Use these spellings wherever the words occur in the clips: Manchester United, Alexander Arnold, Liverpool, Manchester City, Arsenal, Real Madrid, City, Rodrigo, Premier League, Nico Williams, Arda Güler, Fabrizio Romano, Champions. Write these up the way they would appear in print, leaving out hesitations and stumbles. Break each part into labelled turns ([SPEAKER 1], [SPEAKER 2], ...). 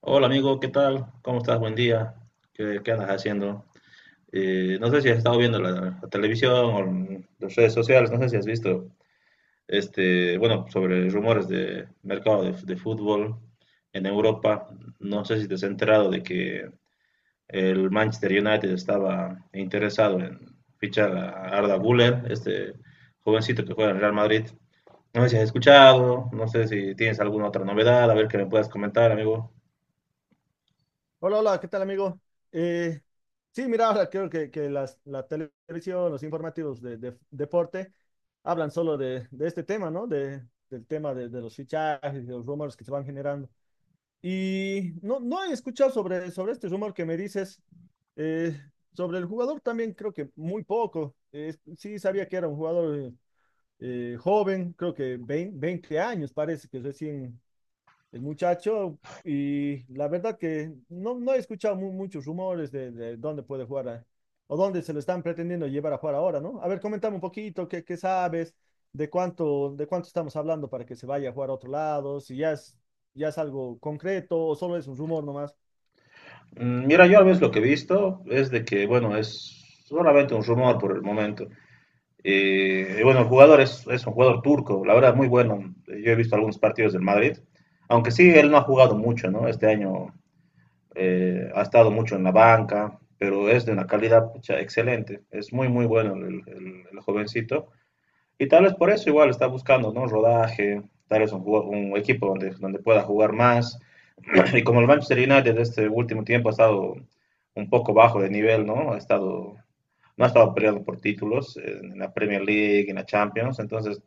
[SPEAKER 1] Hola amigo, ¿qué tal? ¿Cómo estás? Buen día. ¿Qué andas haciendo? No sé si has estado viendo la televisión o en las redes sociales, no sé si has visto, bueno, sobre rumores de mercado de fútbol en Europa. No sé si te has enterado de que el Manchester United estaba interesado en fichar a Arda Güler, este jovencito que juega en Real Madrid. No sé si has escuchado, no sé si tienes alguna otra novedad, a ver que me puedas comentar, amigo.
[SPEAKER 2] Hola, hola, ¿qué tal, amigo? Eh, sí, mira, ahora creo que la televisión, los informativos de deporte hablan solo de este tema, ¿no? Del tema de los fichajes, de los rumores que se van generando. Y no he escuchado sobre este rumor que me dices. Eh, Sobre el jugador también creo que muy poco. Sí, sabía que era un jugador joven, creo que 20 20 años, parece que recién el muchacho, y la verdad que no he escuchado muchos rumores de dónde puede jugar o dónde se lo están pretendiendo llevar a jugar ahora, ¿no? A ver, comentame un poquito, ¿ qué sabes? ¿ de cuánto estamos hablando para que se vaya a jugar a otro lado? Si ya es, ya es algo concreto o solo es un rumor nomás.
[SPEAKER 1] Mira, yo a veces lo que he visto es de que, bueno, es solamente un rumor por el momento. Y bueno, el jugador es un jugador turco, la verdad, muy bueno. Yo he visto algunos partidos del Madrid, aunque sí, él no ha jugado mucho, ¿no? Este año ha estado mucho en la banca, pero es de una calidad pucha, excelente. Es muy, muy bueno el jovencito. Y tal vez por eso igual está buscando, ¿no? Rodaje, tal vez un equipo donde pueda jugar más. Y como el Manchester United este último tiempo ha estado un poco bajo de nivel, ¿no? No ha estado peleando por títulos en la Premier League, en la Champions, entonces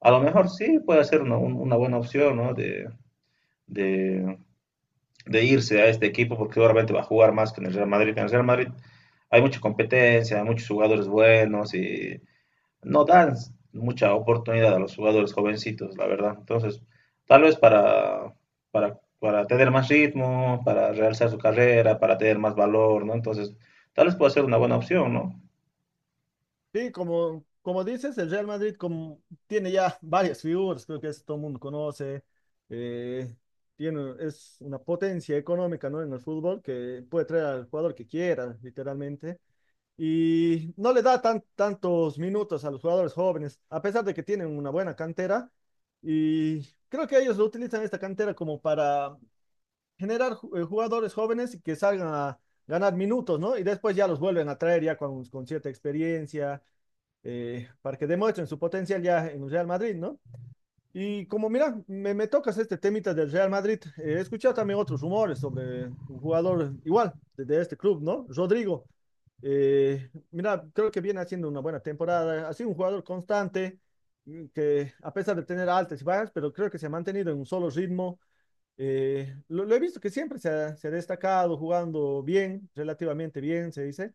[SPEAKER 1] a lo mejor sí puede ser una buena opción, ¿no? De, de irse a este equipo porque seguramente va a jugar más que en el Real Madrid. En el Real Madrid hay mucha competencia, hay muchos jugadores buenos y no dan mucha oportunidad a los jugadores jovencitos, la verdad. Entonces, tal vez para tener más ritmo, para realzar su carrera, para tener más valor, ¿no? Entonces, tal vez pueda ser una buena opción, ¿no?
[SPEAKER 2] Sí, como, como dices, el Real Madrid como, tiene ya varias figuras, creo que eso todo el mundo conoce. eh, Tiene, es una potencia económica, ¿no? En el fútbol que puede traer al jugador que quiera, literalmente. Y no le da tan, tantos minutos a los jugadores jóvenes, a pesar de que tienen una buena cantera. Y creo que ellos lo utilizan esta cantera como para generar jugadores jóvenes que salgan a ganar minutos, ¿no? Y después ya los vuelven a traer ya con cierta experiencia para que demuestren su potencial ya en el Real Madrid, ¿no? Y como mira, me tocas este temita del Real Madrid, he escuchado también otros rumores sobre un jugador igual de este club, ¿no? Rodrigo. Mira, creo que viene haciendo una buena temporada, ha sido un jugador constante, que a pesar de tener altas y bajas, pero creo que se ha mantenido en un solo ritmo. Lo he visto que se ha destacado jugando bien, relativamente bien, se dice.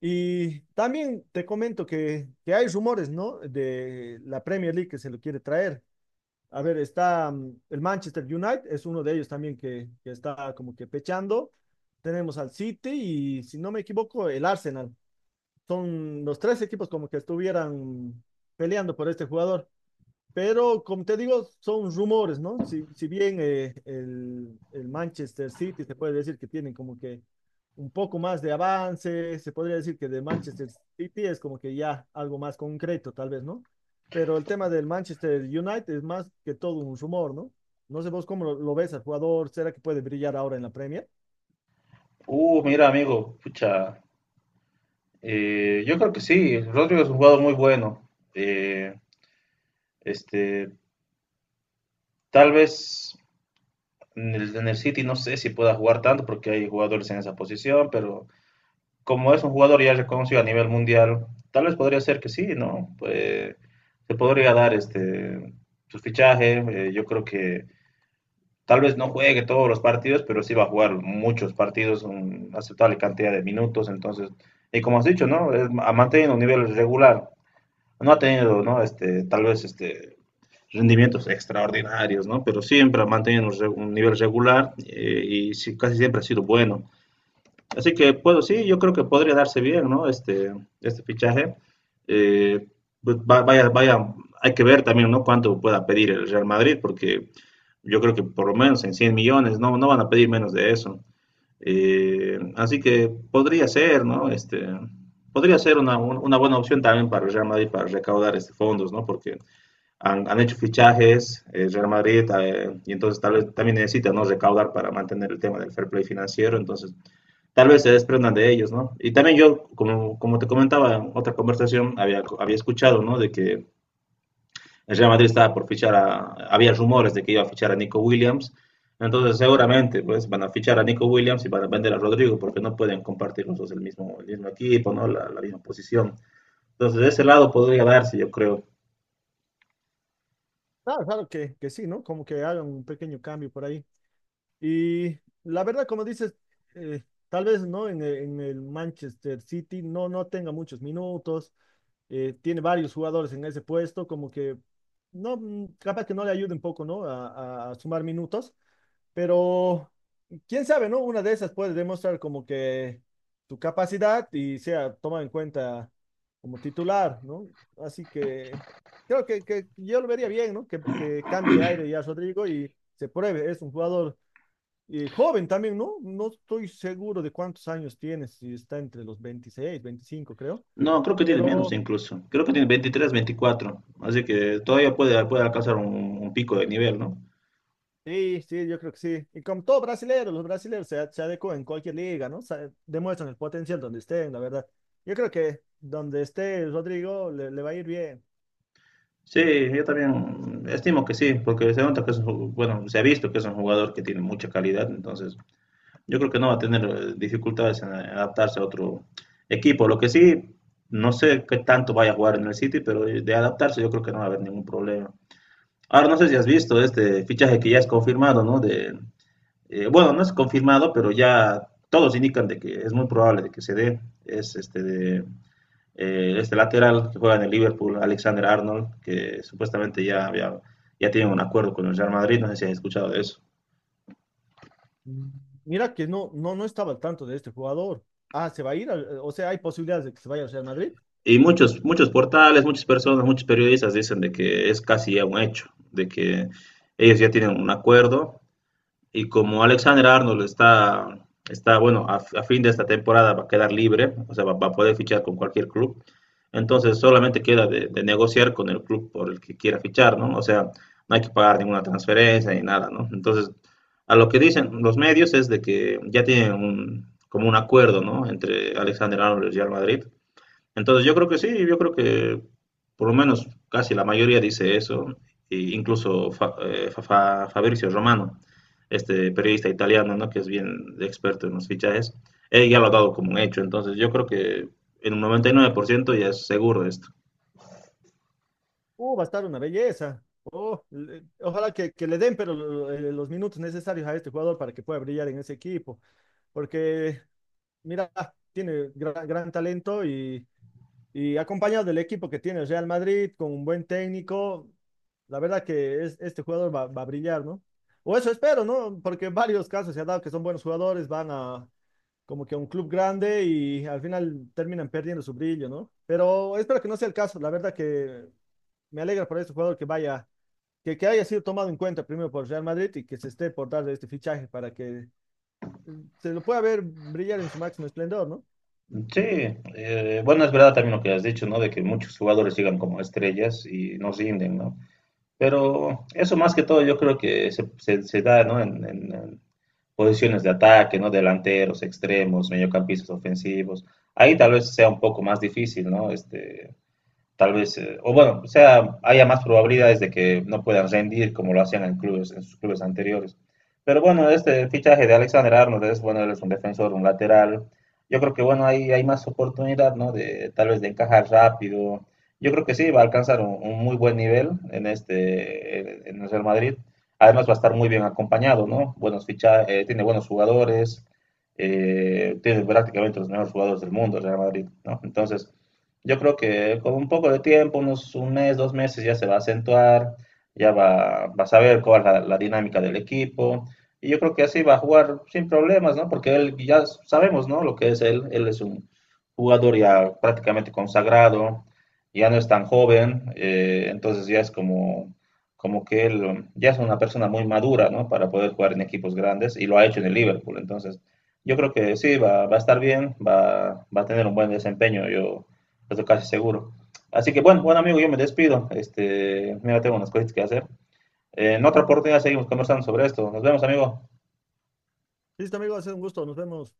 [SPEAKER 2] Y también te comento que hay rumores, ¿no? De la Premier League que se lo quiere traer. A ver, está el Manchester United, es uno de ellos también que está como que pechando. Tenemos al City y, si no me equivoco, el Arsenal. Son los tres equipos como que estuvieran peleando por este jugador. Pero como te digo, son rumores, ¿no? Si bien el Manchester City se puede decir que tienen como que un poco más de avance, se podría decir que de Manchester City es como que ya algo más concreto, tal vez, ¿no? Pero el tema del Manchester United es más que todo un rumor, ¿no? No sé vos cómo lo ves al jugador, ¿será que puede brillar ahora en la Premier?
[SPEAKER 1] Mira, amigo, pucha, yo creo que sí, Rodrigo es un jugador muy bueno. Este, tal vez en en el City no sé si pueda jugar tanto porque hay jugadores en esa posición, pero como es un jugador ya reconocido a nivel mundial, tal vez podría ser que sí, ¿no? Pues, se podría dar este su fichaje. Yo creo que tal vez no juegue todos los partidos, pero sí va a jugar muchos partidos, una aceptable cantidad de minutos. Entonces, y como has dicho, ¿no? Ha mantenido un nivel regular. No ha tenido, ¿no? Tal vez este rendimientos extraordinarios, ¿no? Pero siempre ha mantenido un un nivel regular y sí, casi siempre ha sido bueno. Así que puedo, sí, yo creo que podría darse bien, ¿no? Este fichaje. Eh, pues vaya, vaya, hay que ver también, ¿no? Cuánto pueda pedir el Real Madrid, porque yo creo que por lo menos en 100 millones, no, no van a pedir menos de eso. Así que podría ser, ¿no? Podría ser una buena opción también para el Real Madrid para recaudar este fondos, ¿no? Porque han hecho fichajes, el Real Madrid, y entonces tal vez también necesita, ¿no? Recaudar para mantener el tema del fair play financiero, entonces tal vez se desprendan de ellos, ¿no? Y también yo, como te comentaba en otra conversación, había escuchado, ¿no? De que el Real Madrid estaba por fichar a, había rumores de que iba a fichar a Nico Williams, entonces seguramente pues van a fichar a Nico Williams y van a vender a Rodrigo porque no pueden compartir los dos el mismo equipo, ¿no? La misma posición. Entonces de ese lado podría darse, yo creo.
[SPEAKER 2] Claro, claro que sí, ¿no? Como que hagan un pequeño cambio por ahí. Y la verdad, como dices, eh, tal vez no en el, en el Manchester City no tenga muchos minutos, tiene varios jugadores en ese puesto, como que no, mm, capaz que no le ayude un poco, ¿no? A, a sumar minutos, pero quién sabe, ¿no? Una de esas puede demostrar como que su capacidad y sea tomada en cuenta como titular, ¿no? Así que creo que yo lo vería bien, ¿no? Que cambie de aire ya Rodrigo y se pruebe, es un jugador joven también, ¿no? No estoy seguro de cuántos años tiene, si está entre los 26, 25, creo.
[SPEAKER 1] No, creo que tiene menos
[SPEAKER 2] Pero
[SPEAKER 1] incluso. Creo que tiene 23, 24. Así que todavía puede, puede alcanzar un pico de nivel, ¿no?
[SPEAKER 2] sí, sí, yo creo que sí. Y como todo brasileño, los brasileños se adecuan en cualquier liga, ¿no? Se- demuestran el potencial donde estén, la verdad. Yo creo que donde esté Rodrigo le va a ir bien.
[SPEAKER 1] Sí, yo también estimo que sí, porque se nota que es un bueno, se ha visto que es un jugador que tiene mucha calidad, entonces yo creo que no va a tener dificultades en adaptarse a otro equipo. Lo que sí, no sé qué tanto vaya a jugar en el City, pero de adaptarse yo creo que no va a haber ningún problema. Ahora no sé si has visto este fichaje que ya es confirmado, ¿no? De, bueno, no es confirmado, pero ya todos indican de que es muy probable de que se dé. Es este de este lateral que juega en el Liverpool, Alexander Arnold, que supuestamente ya tienen un acuerdo con el Real Madrid, no sé si han escuchado de eso.
[SPEAKER 2] Mm. Mira que no estaba al tanto de este jugador. Ah, se va a ir, al- o sea, hay posibilidades de que se vaya al Real Madrid.
[SPEAKER 1] Y muchos portales, muchas personas, muchos periodistas dicen de que es casi ya un hecho, de que ellos ya tienen un acuerdo. Y como Alexander Arnold está bueno, a fin de esta temporada va a quedar libre, o sea, va a poder fichar con cualquier club. Entonces solamente queda de negociar con el club por el que quiera fichar, ¿no? O sea, no hay que pagar ninguna transferencia ni nada, ¿no? Entonces, a lo que dicen los medios es de que ya tienen un, como un acuerdo, ¿no? Entre Alexander Arnold y el Real Madrid. Entonces yo creo que sí, yo creo que por lo menos casi la mayoría dice eso, e incluso Fabrizio Romano, este periodista italiano, ¿no? Que es bien experto en los fichajes, él ya lo ha dado como un hecho, entonces yo creo que en un 99% ya es seguro esto.
[SPEAKER 2] Va a estar una belleza. Oh, le- ojalá que le den, pero los minutos necesarios a este jugador para que pueda brillar en ese equipo. Porque, mira, tiene gran talento y acompañado del equipo que tiene el Real Madrid, con un buen técnico, la verdad que es, este jugador va, va a brillar, ¿no? O eso espero, ¿no? Porque en varios casos se ha dado que son buenos jugadores, van a como que a un club grande y al final terminan perdiendo su brillo, ¿no? Pero espero que no sea el caso, la verdad que me alegra por este jugador que vaya, que haya sido tomado en cuenta primero por Real Madrid y que se esté por dar este fichaje para que eh, se lo pueda ver brillar en su máximo esplendor, ¿no?
[SPEAKER 1] Sí, bueno, es verdad también lo que has dicho, ¿no? De que muchos jugadores llegan como estrellas y no rinden, ¿no? Pero eso más que todo yo creo que se da, ¿no? en- en- Posiciones de ataque, ¿no? Delanteros, extremos, mediocampistas ofensivos. Ahí tal vez sea un poco más difícil, ¿no? O bueno, sea, haya más probabilidades de que no puedan rendir como lo hacían en clubes, en sus clubes anteriores. Pero bueno, este fichaje de Alexander Arnold es, bueno, él es un defensor, un lateral. Yo creo que, bueno, hay más oportunidad, ¿no? De, tal vez de encajar rápido. Yo creo que sí, va a alcanzar un muy buen nivel en este, en el Real Madrid. Además va a estar muy bien acompañado, ¿no? Buenos ficha tiene buenos jugadores, tiene prácticamente los mejores jugadores del mundo el Real Madrid, ¿no? Entonces, yo creo que con un poco de tiempo, unos un mes, dos meses, ya se va a acentuar, vas a ver cuál es la dinámica del equipo. Y yo creo que así va a jugar sin problemas, ¿no? Porque él ya sabemos, ¿no? Lo que es él. Él es un jugador ya prácticamente consagrado, ya no es tan joven, entonces ya es como, como que él ya es una persona muy madura, ¿no? Para poder jugar en equipos grandes y lo ha hecho en el Liverpool. Entonces, yo creo que sí, va a estar bien, va a tener un buen desempeño. Yo, eso casi seguro. Así que bueno, bueno amigo, yo me despido. Mira, tengo unas cositas que hacer. En otra oportunidad seguimos conversando sobre esto. Nos vemos, amigo.
[SPEAKER 2] Listo, amigos, es un gusto. Nos vemos